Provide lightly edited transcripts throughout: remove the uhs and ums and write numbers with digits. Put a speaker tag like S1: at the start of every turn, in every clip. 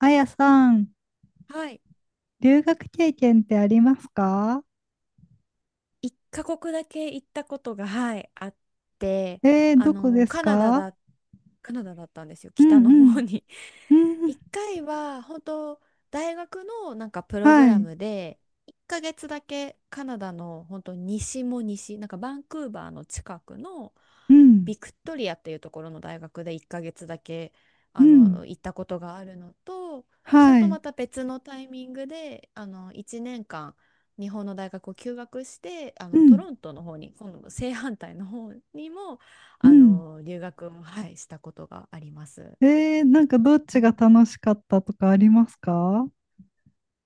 S1: あやさん、
S2: はい。
S1: 留学経験ってありますか？
S2: 一カ国だけ行ったことが、はい、あって、
S1: どこです
S2: カナダ
S1: か？
S2: だ、カナダだったんですよ、
S1: うん
S2: 北
S1: う
S2: の方
S1: ん。
S2: に。
S1: うんうん。
S2: 一回は、本当大学のなんかプログ
S1: は
S2: ラ
S1: い。
S2: ムで、1ヶ月だけカナダの本当西も西、なんかバンクーバーの近くの
S1: うん。
S2: ビクトリアっていうところの大学で1ヶ月だけ、
S1: うん。
S2: 行ったことがあるのと、それ
S1: は
S2: と
S1: い。
S2: また別のタイミングで、1年間、日本の大学を休学して
S1: う
S2: ト
S1: ん。
S2: ロントの方に今度正反対の方にも
S1: うん。
S2: 留学を、はい、したことがあります。
S1: なんかどっちが楽しかったとかありますか？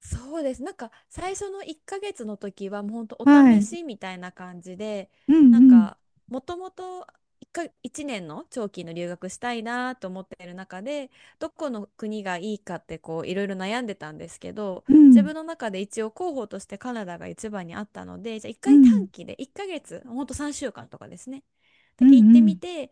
S2: そうです。なんか最初の1ヶ月の時はもうほんとお
S1: は
S2: 試
S1: い。
S2: しみたいな感じで、
S1: うん。う
S2: なん
S1: ん。
S2: かもともと1年の長期の留学したいなと思っている中で、どこの国がいいかってこういろいろ悩んでたんですけど、
S1: う
S2: 自
S1: ん。
S2: 分の中で一応候補としてカナダが一番にあったので、じゃあ1
S1: う
S2: 回短
S1: ん。
S2: 期で1ヶ月、ほんと3週間とかですね。
S1: う
S2: だけ行ってみ
S1: ん。
S2: て、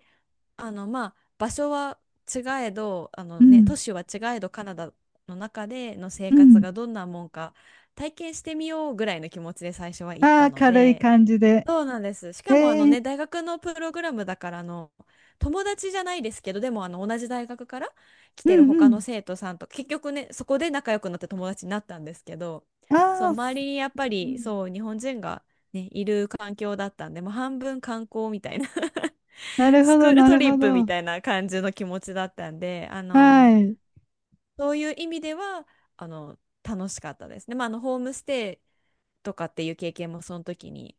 S2: まあ場所は違えど
S1: うん。
S2: 都市は違えどカナダの中での生
S1: う
S2: 活
S1: ん。
S2: がどんなもんか体験してみようぐらいの気持ちで最初は行っ
S1: ああ
S2: た
S1: ー、
S2: の
S1: 軽い
S2: で、
S1: 感じで。
S2: そうなんです。しかも
S1: えー、
S2: 大学のプログラムだから友達じゃないですけど、でも同じ大学から来
S1: う
S2: てる
S1: ん、う
S2: 他の
S1: ん。
S2: 生徒さんと結局ねそこで仲良くなって友達になったんですけど、そう、
S1: ああ、
S2: 周
S1: す
S2: りにやっぱ
S1: う
S2: り
S1: ん
S2: そう日本人が、ね、いる環境だったんでもう半分観光みたいな、
S1: なる
S2: ス
S1: ほ
S2: ク
S1: ど、
S2: ール
S1: な
S2: ト
S1: る
S2: リ
S1: ほ
S2: ップみ
S1: ど。
S2: たいな感じの気持ちだったんで、
S1: はい、
S2: そういう意味では、あの、楽しかったですね。まあ、ホームステイとかっていう経験もその時に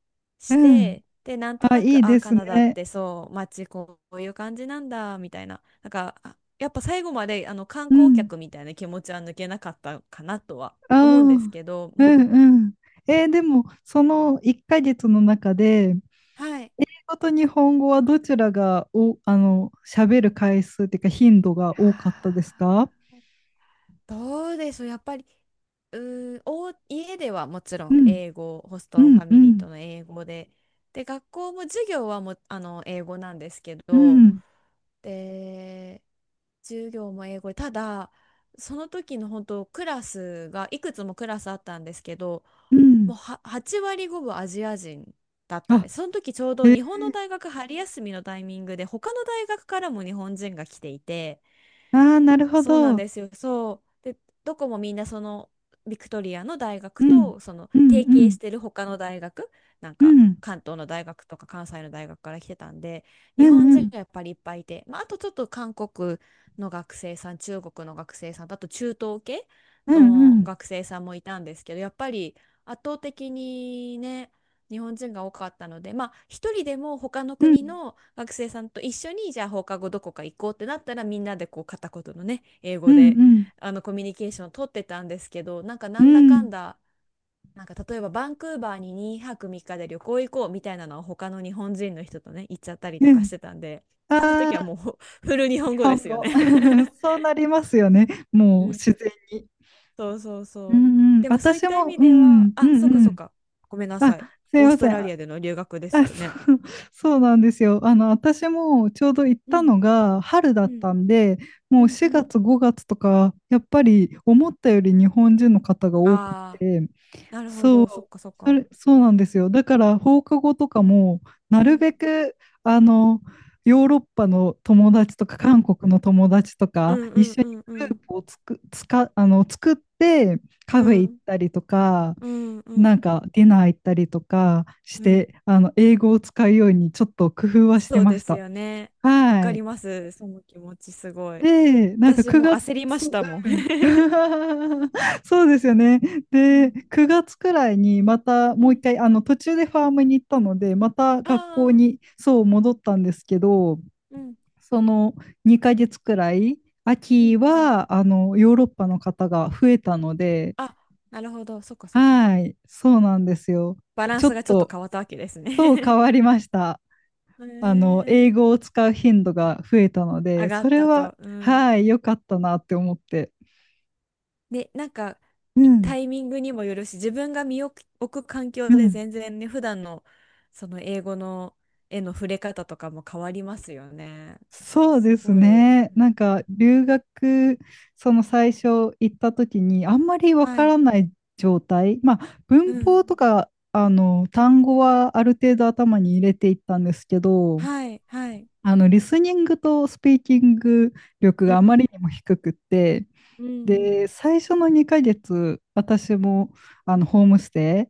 S1: う
S2: し
S1: ん。
S2: て、で、なんと
S1: あ、
S2: な
S1: いい
S2: く、あ、
S1: です
S2: カナダっ
S1: ね。
S2: てそう、街こういう感じなんだ、みたいな。なんか、あ、やっぱ最後まで、観
S1: う
S2: 光
S1: ん。
S2: 客みたいな気持ちは抜けなかったかなとは
S1: ああ。
S2: 思
S1: う
S2: うんです
S1: ん
S2: けど、うん、
S1: うん。でも、その1ヶ月の中で、英
S2: はい。
S1: 語と日本語はどちらがお、あの、喋る回数っていうか頻度が
S2: あ
S1: 多かったで
S2: ー
S1: すか？
S2: どうでしょう、やっぱり、家ではもちろ
S1: う
S2: ん
S1: ん、
S2: 英語、ホス
S1: う
S2: トファ
S1: ん、う
S2: ミリー
S1: ん、
S2: との英語で、で、学校も授業は英語なんですけ
S1: う
S2: ど、
S1: ん、
S2: で、授業も英語で、ただ、その時の本当、クラスが、いくつもクラスあったんですけど、
S1: うん。
S2: もうは8割ごぶアジア人だったんで
S1: あ、
S2: す。その時ちょうど
S1: え、
S2: 日本の大学春休みのタイミングで、他の大学からも日本人が来ていて、
S1: ああ、なるほ
S2: そうな
S1: ど。う
S2: ん
S1: ん、
S2: ですよ。そう。で、どこもみんなそのビクトリアの大
S1: う
S2: 学
S1: ん、
S2: とその
S1: う
S2: 提携
S1: ん、
S2: してる他の大学、なん
S1: う
S2: か
S1: ん、
S2: 関東の大学とか関西の大学から来てたんで、日
S1: う
S2: 本人
S1: ん、
S2: がやっぱりいっぱいいて、まあ、あとちょっと韓国の学生さん、中国の学生さんと、あと中東系
S1: うん、うん、
S2: の
S1: うん、
S2: 学生さんもいたんですけど、やっぱり圧倒的にね、日本人が多かったので、まあ、一人でも他の
S1: うん、う
S2: 国
S1: ん、
S2: の学生さんと一緒に、じゃあ放課後どこか行こうってなったら、みんなでこう片言のね、英語でコミュニケーションを取ってたんですけど、なんか
S1: う
S2: なんだか
S1: ん、
S2: んだ、なんか例えばバンクーバーに2泊3日で旅行行こうみたいなのは他の日本人の人とね、行っちゃったりと
S1: う
S2: かし
S1: ん。
S2: てたんで、そういう
S1: あ
S2: 時は
S1: あ
S2: もう フル日
S1: ー、日
S2: 本語で
S1: 本
S2: すよね。
S1: 語。そうなりますよね。
S2: う
S1: もう
S2: ん、
S1: 自然に。
S2: そうそう
S1: う
S2: そう。
S1: んうん、
S2: でもそういっ
S1: 私
S2: た意
S1: も、
S2: 味
S1: う
S2: では、
S1: ん、う
S2: あ、
S1: ん
S2: そうか
S1: う
S2: そう
S1: ん。
S2: か。ごめんな
S1: あ、
S2: さい。
S1: すい
S2: オー
S1: ま
S2: ス
S1: せ
S2: ト
S1: ん。
S2: ラリ
S1: あ、
S2: アでの留学です
S1: あ、
S2: よね。
S1: そう、そうなんですよ。私もちょうど行っ
S2: う
S1: た
S2: ん
S1: のが春だ
S2: う
S1: っ
S2: ん。
S1: たんで、
S2: う
S1: もう
S2: んう
S1: 4
S2: ん。
S1: 月、5月とか、やっぱり思ったより日本人の方が多く
S2: ああ、
S1: て、
S2: なるほ
S1: そ
S2: ど。そっ
S1: う、
S2: かそっ
S1: そ
S2: か。
S1: れ、そうなんですよ。だから放課後とかも、な
S2: う
S1: る
S2: ん。
S1: べく、あの、ヨーロッパの友達とか、
S2: う
S1: 韓
S2: ん、
S1: 国の友達と
S2: う
S1: か、
S2: んう
S1: 一
S2: ん
S1: 緒に
S2: うんう
S1: グルー
S2: ん
S1: プをつく、つか、あの、作って、
S2: う
S1: カフェ行っ
S2: ん
S1: たりとか、
S2: うんう
S1: なん
S2: ん
S1: かディナー行ったりとかし
S2: うん、
S1: て、英語を使うようにちょっと工夫はし
S2: そ
S1: て
S2: う
S1: ま
S2: で
S1: し
S2: す
S1: た。
S2: よね。わ
S1: は
S2: か
S1: い。
S2: ります。その気持ちすごい。
S1: で、なんか
S2: 私も
S1: 9
S2: 焦りま
S1: 月、
S2: したもん。
S1: うん。そうですよね。
S2: う
S1: で、
S2: ん。
S1: 9月くらいにまた
S2: う
S1: もう一
S2: ん、
S1: 回、途中でファームに行ったので、また
S2: あ
S1: 学校
S2: あ、
S1: にそう戻ったんですけど、
S2: うん。
S1: その2ヶ月くらい、
S2: うんう
S1: 秋
S2: ん。
S1: はヨーロッパの方が増えたので、
S2: あ、なるほど。そっかそっか。
S1: はい、そうなんですよ。
S2: バラン
S1: ちょ
S2: ス
S1: っ
S2: がちょっと
S1: と、
S2: 変わったわけです
S1: と変
S2: ね。
S1: わりました。
S2: へ
S1: 英語
S2: え、
S1: を使う頻度が増えたの
S2: 上
S1: で、
S2: がっ
S1: それ
S2: た
S1: は、
S2: と。うん。
S1: はい、良かったなって思って。
S2: で、なんか、
S1: う
S2: いタ
S1: ん
S2: イミングにもよるし、自分が身を置く環境
S1: う
S2: で
S1: ん、
S2: 全然ね、普段のその英語の絵の触れ方とかも変わりますよね。
S1: そうで
S2: す
S1: す
S2: ごい。
S1: ね。なんか留学、その最初行った時にあんまりわ
S2: は
S1: から
S2: い。
S1: ない状態、まあ
S2: う
S1: 文法と
S2: ん。
S1: か単語はある程度頭に入れていったんですけど、
S2: はい。はい。
S1: リスニングとスピーキング力
S2: うん
S1: があまりにも低くって、
S2: うんうん、
S1: で、最初の2ヶ月、私もホームステ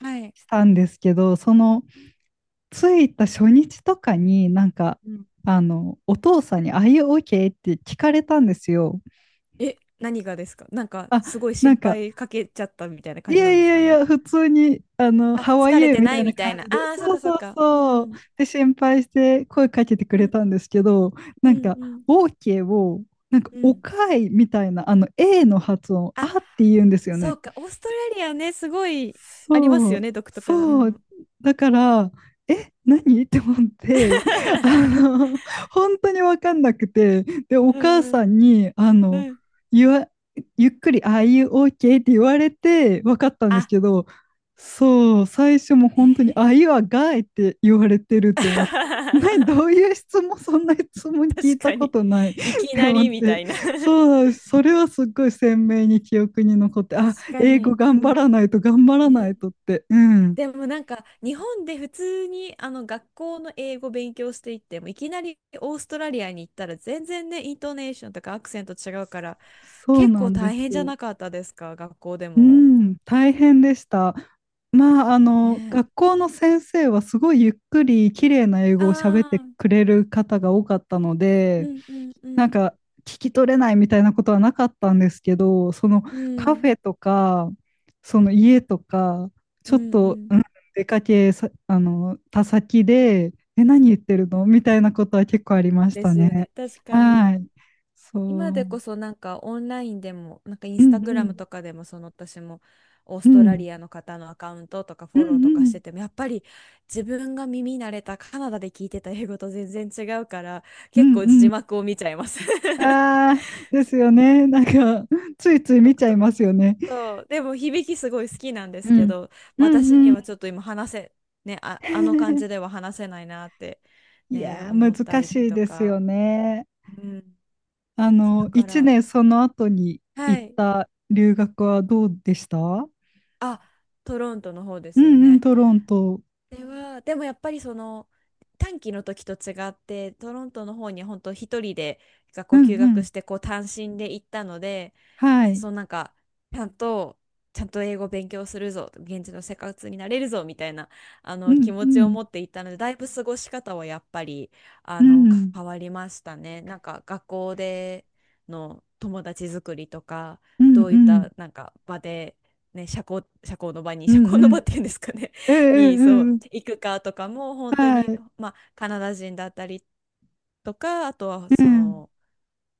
S2: はい。
S1: イしたんですけど、その着いた初日とかになんか、
S2: うん、
S1: お父さんに、あい y OK? って聞かれたんですよ。
S2: え、何がですか、なんか
S1: あ、
S2: すごい
S1: な
S2: 心
S1: んか、
S2: 配かけちゃったみたいな
S1: い
S2: 感じ
S1: や
S2: なん
S1: い
S2: です
S1: や
S2: か
S1: い
S2: ね。
S1: や、普通に、
S2: あ、
S1: ハワ
S2: 疲
S1: イ
S2: れ
S1: へ
S2: て
S1: み
S2: な
S1: たい
S2: い
S1: な
S2: みた
S1: 感
S2: いな。
S1: じで、
S2: ああ、そっ
S1: そう
S2: かそっ
S1: そう
S2: か。う
S1: そう。
S2: ん。
S1: で、心配して声かけてく
S2: う
S1: れ
S2: ん
S1: たんですけど、
S2: うん
S1: なん
S2: う
S1: か、
S2: ん。
S1: OK を、なんか、
S2: う
S1: お
S2: ん。
S1: かいみたいな、A の発音、
S2: あ、
S1: あって言うんですよ
S2: そ
S1: ね。
S2: うか、オーストラリアね、すごいあります
S1: そ
S2: よ
S1: う、
S2: ね、独特な。う
S1: そう。
S2: ん。
S1: だから、え、何 って思って、あ の、本当に分かんなくて、で、お
S2: うん
S1: 母
S2: う
S1: さ
S2: ん
S1: んに、
S2: うん。
S1: 言わ、ゆっくり、ああいう OK って言われて分かったんです
S2: あ、
S1: けど、そう、最初も
S2: ね
S1: 本当に、ああいうはガイって言われてるっ
S2: え。
S1: て思って、何、どういう質問、そんな質問聞
S2: 確
S1: いた
S2: か
S1: こ
S2: に。
S1: とないっ
S2: いき
S1: て
S2: な
S1: 思っ
S2: りみた
S1: て、
S2: いな。
S1: そう、それはすっごい鮮明に記憶に残って、
S2: 確
S1: あ、
S2: か
S1: 英語
S2: に。
S1: 頑張らないと頑張らない
S2: ね。
S1: とって、うん、
S2: でもなんか日本で普通に学校の英語勉強していってもいきなりオーストラリアに行ったら全然ねイントネーションとかアクセント違うから
S1: そう
S2: 結
S1: な
S2: 構
S1: んで
S2: 大
S1: す。
S2: 変じゃなかったですか、学校で
S1: う
S2: も。
S1: ん、大変でした。まあ、
S2: ね
S1: 学校の先生はすごいゆっくり綺麗な英
S2: え。
S1: 語を喋っ
S2: あ
S1: て
S2: あ、
S1: くれる方が多かったの
S2: う
S1: で、
S2: んうんう
S1: なん
S2: ん。
S1: か聞き取れないみたいなことはなかったんですけど、その
S2: う
S1: カ
S2: ん、
S1: フェとか、その家とか、ち
S2: う
S1: ょっ
S2: んう
S1: と、
S2: ん、
S1: うん、出かけさ、あの、た先で、え、何言ってるのみたいなことは結構ありまし
S2: で
S1: た
S2: すよ
S1: ね。
S2: ね。確かに。
S1: はい。
S2: 今
S1: そ
S2: でこ
S1: う。
S2: そなんかオンラインでも、なんかイン
S1: う
S2: スタ
S1: んう
S2: グラム
S1: ん。
S2: とかでも、その私もオー
S1: う
S2: ストラ
S1: ん。
S2: リアの方のアカウントとか
S1: うん
S2: フォローと
S1: う
S2: かし
S1: ん。
S2: てても、やっぱり自分が耳慣れたカナダで聞いてた英語と全然違うから、
S1: う
S2: 結
S1: ん
S2: 構
S1: う
S2: 字
S1: ん。
S2: 幕を見ちゃいます。
S1: ああ、ですよ
S2: そう、
S1: ね。なんか、ついつい見ち
S2: 独
S1: ゃい
S2: 特、
S1: ますよね。
S2: そうでも響きすごい好きなんです
S1: う
S2: け
S1: ん。
S2: ど、
S1: うん
S2: 私に
S1: うん。
S2: はちょっと今話せ、ね、あ、あの感じで は話せないなって、
S1: い
S2: ね、
S1: やー、
S2: 思った
S1: 難
S2: り
S1: しい
S2: と
S1: ですよ
S2: か。
S1: ね。
S2: うん、そうだか
S1: 1
S2: ら、
S1: 年その後に
S2: は
S1: 行っ
S2: い。
S1: た留学はどうでした？う
S2: あ、トロントの方ですよ
S1: んうん、
S2: ね。
S1: トロント。
S2: ではでもやっぱりその短期の時と違ってトロントの方に本当一人で学
S1: う
S2: 校休
S1: んう
S2: 学
S1: ん。
S2: してこう単身で行ったので、
S1: はい。
S2: そう、なんかちゃんとちゃんと英語勉強するぞ、現地の生活になれるぞみたいな
S1: う
S2: 気
S1: んう
S2: 持ちを
S1: ん。
S2: 持っていったのでだいぶ過ごし方はやっぱりあ
S1: う
S2: の
S1: ん。
S2: 変わりましたね。なんか学校での友達作りとか
S1: うんう
S2: どういっ
S1: ん。
S2: たなんか場で、ね、
S1: う
S2: 社
S1: ん
S2: 交の
S1: う
S2: 場っ
S1: ん。
S2: ていうんですかね、
S1: うんう
S2: にそ
S1: ん
S2: う
S1: うん。
S2: 行くかとかも本当
S1: は
S2: に、
S1: い。
S2: まあ、カナダ人だったりとかあとは
S1: う
S2: そ
S1: ん。
S2: の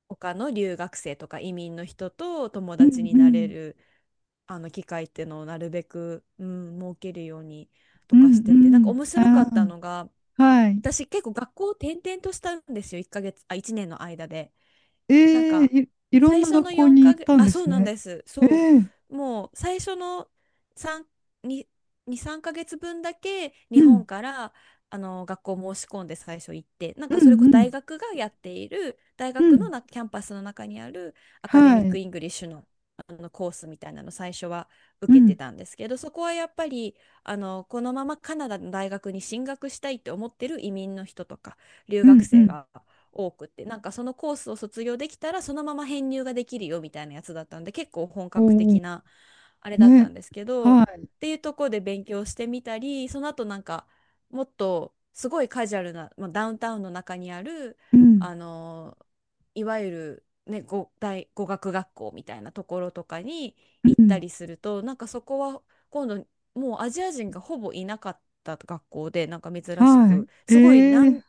S2: 他の留学生とか移民の人と友
S1: う
S2: 達
S1: ん
S2: に
S1: う
S2: なれ
S1: ん。
S2: る機会っていうのをなるべく、うん、設けるようにと
S1: う
S2: か
S1: ん
S2: してて、なん
S1: う
S2: か
S1: ん。
S2: 面白か
S1: あ
S2: ったの
S1: あ、
S2: が、
S1: はい。
S2: 私結構学校を転々としたんですよ、1ヶ月あ1年の間で。なん
S1: ええ
S2: か
S1: い、いろん
S2: 最
S1: な
S2: 初
S1: 学
S2: の
S1: 校
S2: 4
S1: に
S2: か
S1: 行っ
S2: 月
S1: たん
S2: あ
S1: で
S2: そう
S1: す
S2: なん
S1: ね。
S2: です、
S1: え
S2: そ
S1: え、
S2: う、もう最初の3 2 2、3ヶ月分だけ
S1: う
S2: 日本
S1: ん、
S2: から学校申し込んで最初行って、なん
S1: う
S2: かそれ
S1: ん、
S2: こそ
S1: うん、
S2: 大学がやっている大
S1: う
S2: 学の
S1: ん、
S2: キャンパスの中にあるアカデ
S1: は
S2: ミック・
S1: い、
S2: イングリッシュの、コースみたいなの最初は
S1: う
S2: 受けて
S1: ん、
S2: たんですけど、そこはやっぱりこのままカナダの大学に進学したいって思ってる移民の人とか留
S1: う
S2: 学
S1: ん、う
S2: 生
S1: ん、
S2: が多くって、なんかそのコースを卒業できたらそのまま編入ができるよみたいなやつだったんで結構本格
S1: おお、
S2: 的なあれだった
S1: ね、
S2: んですけど、っ
S1: は
S2: ていうところで勉強してみたり、その後なんかもっとすごいカジュアルな、まあ、ダウンタウンの中にある
S1: い、うん、
S2: あのーいわゆる、ね、語学学校みたいなところとかに行
S1: う
S2: った
S1: ん、
S2: りすると、なんかそこは今度もうアジア人がほぼいなかった学校で、なんか珍し
S1: は
S2: く
S1: い、
S2: すごい
S1: ええ、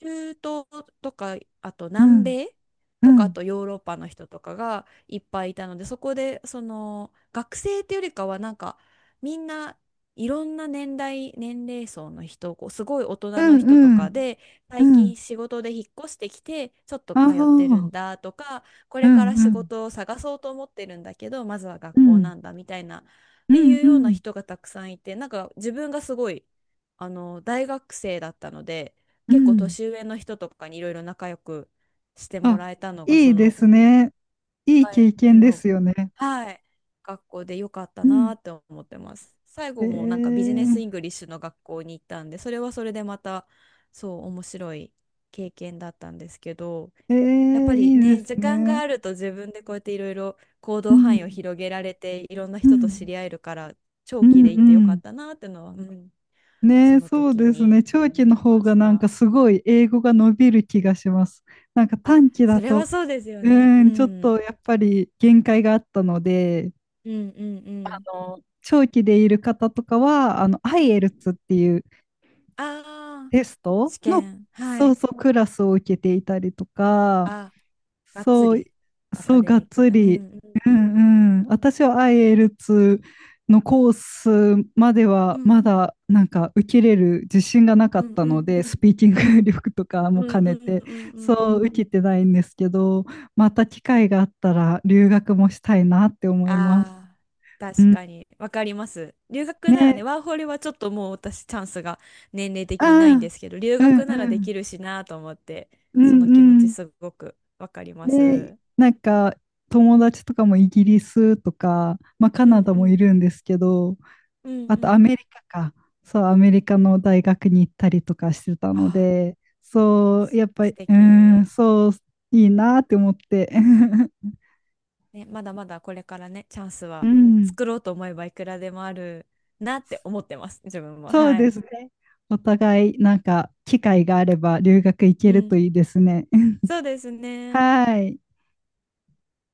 S2: 中東とか、あと
S1: う
S2: 南
S1: ん、
S2: 米
S1: う
S2: とか、あ
S1: ん、
S2: とヨーロッパの人とかがいっぱいいたので、そこで、その、学生っていうよりかは、なんか、みんないろんな年代、年齢層の人、こうすごい大
S1: う
S2: 人
S1: ん、
S2: の人と
S1: うん、
S2: かで、
S1: う
S2: 最
S1: ん、
S2: 近仕事で引っ越してきて、ちょっと
S1: ああ、
S2: 通ってる
S1: う
S2: ん
S1: ん、
S2: だとか、こ
S1: う
S2: れから仕
S1: ん、
S2: 事を探そうと思ってるんだけど、まずは学
S1: う
S2: 校
S1: ん、
S2: なんだみたいな、っ
S1: う
S2: て
S1: ん、
S2: いう
S1: う
S2: ような
S1: ん、
S2: 人がたくさんいて、なんか自分がすごい、大学生だったので、
S1: う
S2: 結構
S1: ん、
S2: 年上の人とかにいろいろ仲良くしても
S1: あ、
S2: らえたのが、
S1: いい
S2: そ
S1: で
S2: の、う
S1: す
S2: ん、1
S1: ね。いい
S2: 回
S1: 経
S2: 目
S1: 験で
S2: の、
S1: すよね。
S2: はい、学校で良かった
S1: うん、
S2: なって思ってます。最後もなんかビジ
S1: え
S2: ネスイングリッシュの学校に行ったんで、それはそれでまたそう面白い経験だったんですけど、
S1: ええ
S2: やっぱ
S1: え
S2: り
S1: いいで
S2: ね、
S1: す
S2: 時間が
S1: ね。
S2: あると自分でこうやっていろいろ行
S1: う
S2: 動範囲を
S1: ん、
S2: 広げられて、いろんな
S1: う
S2: 人と知
S1: ん。
S2: り合えるから、長
S1: う
S2: 期
S1: ん
S2: で行
S1: う
S2: ってよか
S1: ん。
S2: ったなってのは、うん、
S1: ね
S2: そ
S1: え、
S2: の
S1: そう
S2: 時
S1: です
S2: に
S1: ね。長期の
S2: 思い
S1: 方
S2: ま
S1: が
S2: し
S1: なんか
S2: た。
S1: すごい英語が伸びる気がします。なんか
S2: あ、
S1: 短期だ
S2: それは
S1: と、
S2: そうですよ
S1: う
S2: ね。
S1: ー
S2: う
S1: ん、ちょっ
S2: ん。
S1: とやっぱり限界があったので、
S2: うんうんうん。
S1: 長期でいる方とかは、
S2: うん。
S1: IELTS っていう
S2: ああ、
S1: テスト
S2: 試
S1: の、
S2: 験。は
S1: そう
S2: い。
S1: そう、クラスを受けていたりとか、
S2: あ、がっつ
S1: そう、
S2: りア
S1: そ
S2: カ
S1: う、
S2: デ
S1: が
S2: ミ
S1: っ
S2: ック
S1: つ
S2: な。う
S1: り。
S2: ん
S1: うんうん。私は i l 2のコースまで
S2: う
S1: は
S2: んうん
S1: まだなんか受けれる自信がなか
S2: う
S1: っ
S2: ん
S1: た
S2: う
S1: の
S2: んう
S1: で、ス
S2: ん
S1: ピーキング力とか
S2: う
S1: も
S2: ん
S1: 兼
S2: う
S1: ね
S2: ん
S1: て、
S2: うん。
S1: そう、受けてないんですけど、また機会があったら留学もしたいなって思います。
S2: ああー、
S1: う
S2: 確
S1: ん。
S2: かに。わかります。留学ならね、
S1: ね。
S2: ワーホリはちょっともう私チャンスが年齢
S1: あ
S2: 的にないんで
S1: あ、
S2: すけど、留
S1: うん
S2: 学なら
S1: う
S2: で
S1: ん。
S2: きるしなと思って、
S1: う
S2: その気持
S1: んう
S2: ち
S1: ん。
S2: すごくわかりま
S1: で、
S2: す。
S1: なんか友達とかもイギリスとか、まあ、カ
S2: う
S1: ナ
S2: ん
S1: ダもい
S2: う
S1: る
S2: ん
S1: んですけど、
S2: うん
S1: あ
S2: う
S1: とア
S2: ん。
S1: メリカか。そう、アメリカの大学に行ったりとかしてた
S2: あ
S1: の
S2: あ、
S1: で、そう、
S2: す、
S1: やっぱ
S2: 素
S1: り、うん、
S2: 敵。
S1: そう、いいなって思って。
S2: ね、まだまだこれからね、チャンス
S1: う
S2: は
S1: ん、
S2: 作ろうと思えばいくらでもあるなって思ってます、自分も。
S1: そう
S2: は
S1: で
S2: い。
S1: すね。お互い、なんか、機会があれば留学行
S2: う
S1: けると
S2: ん。
S1: いいですね。
S2: そうですね。
S1: はい。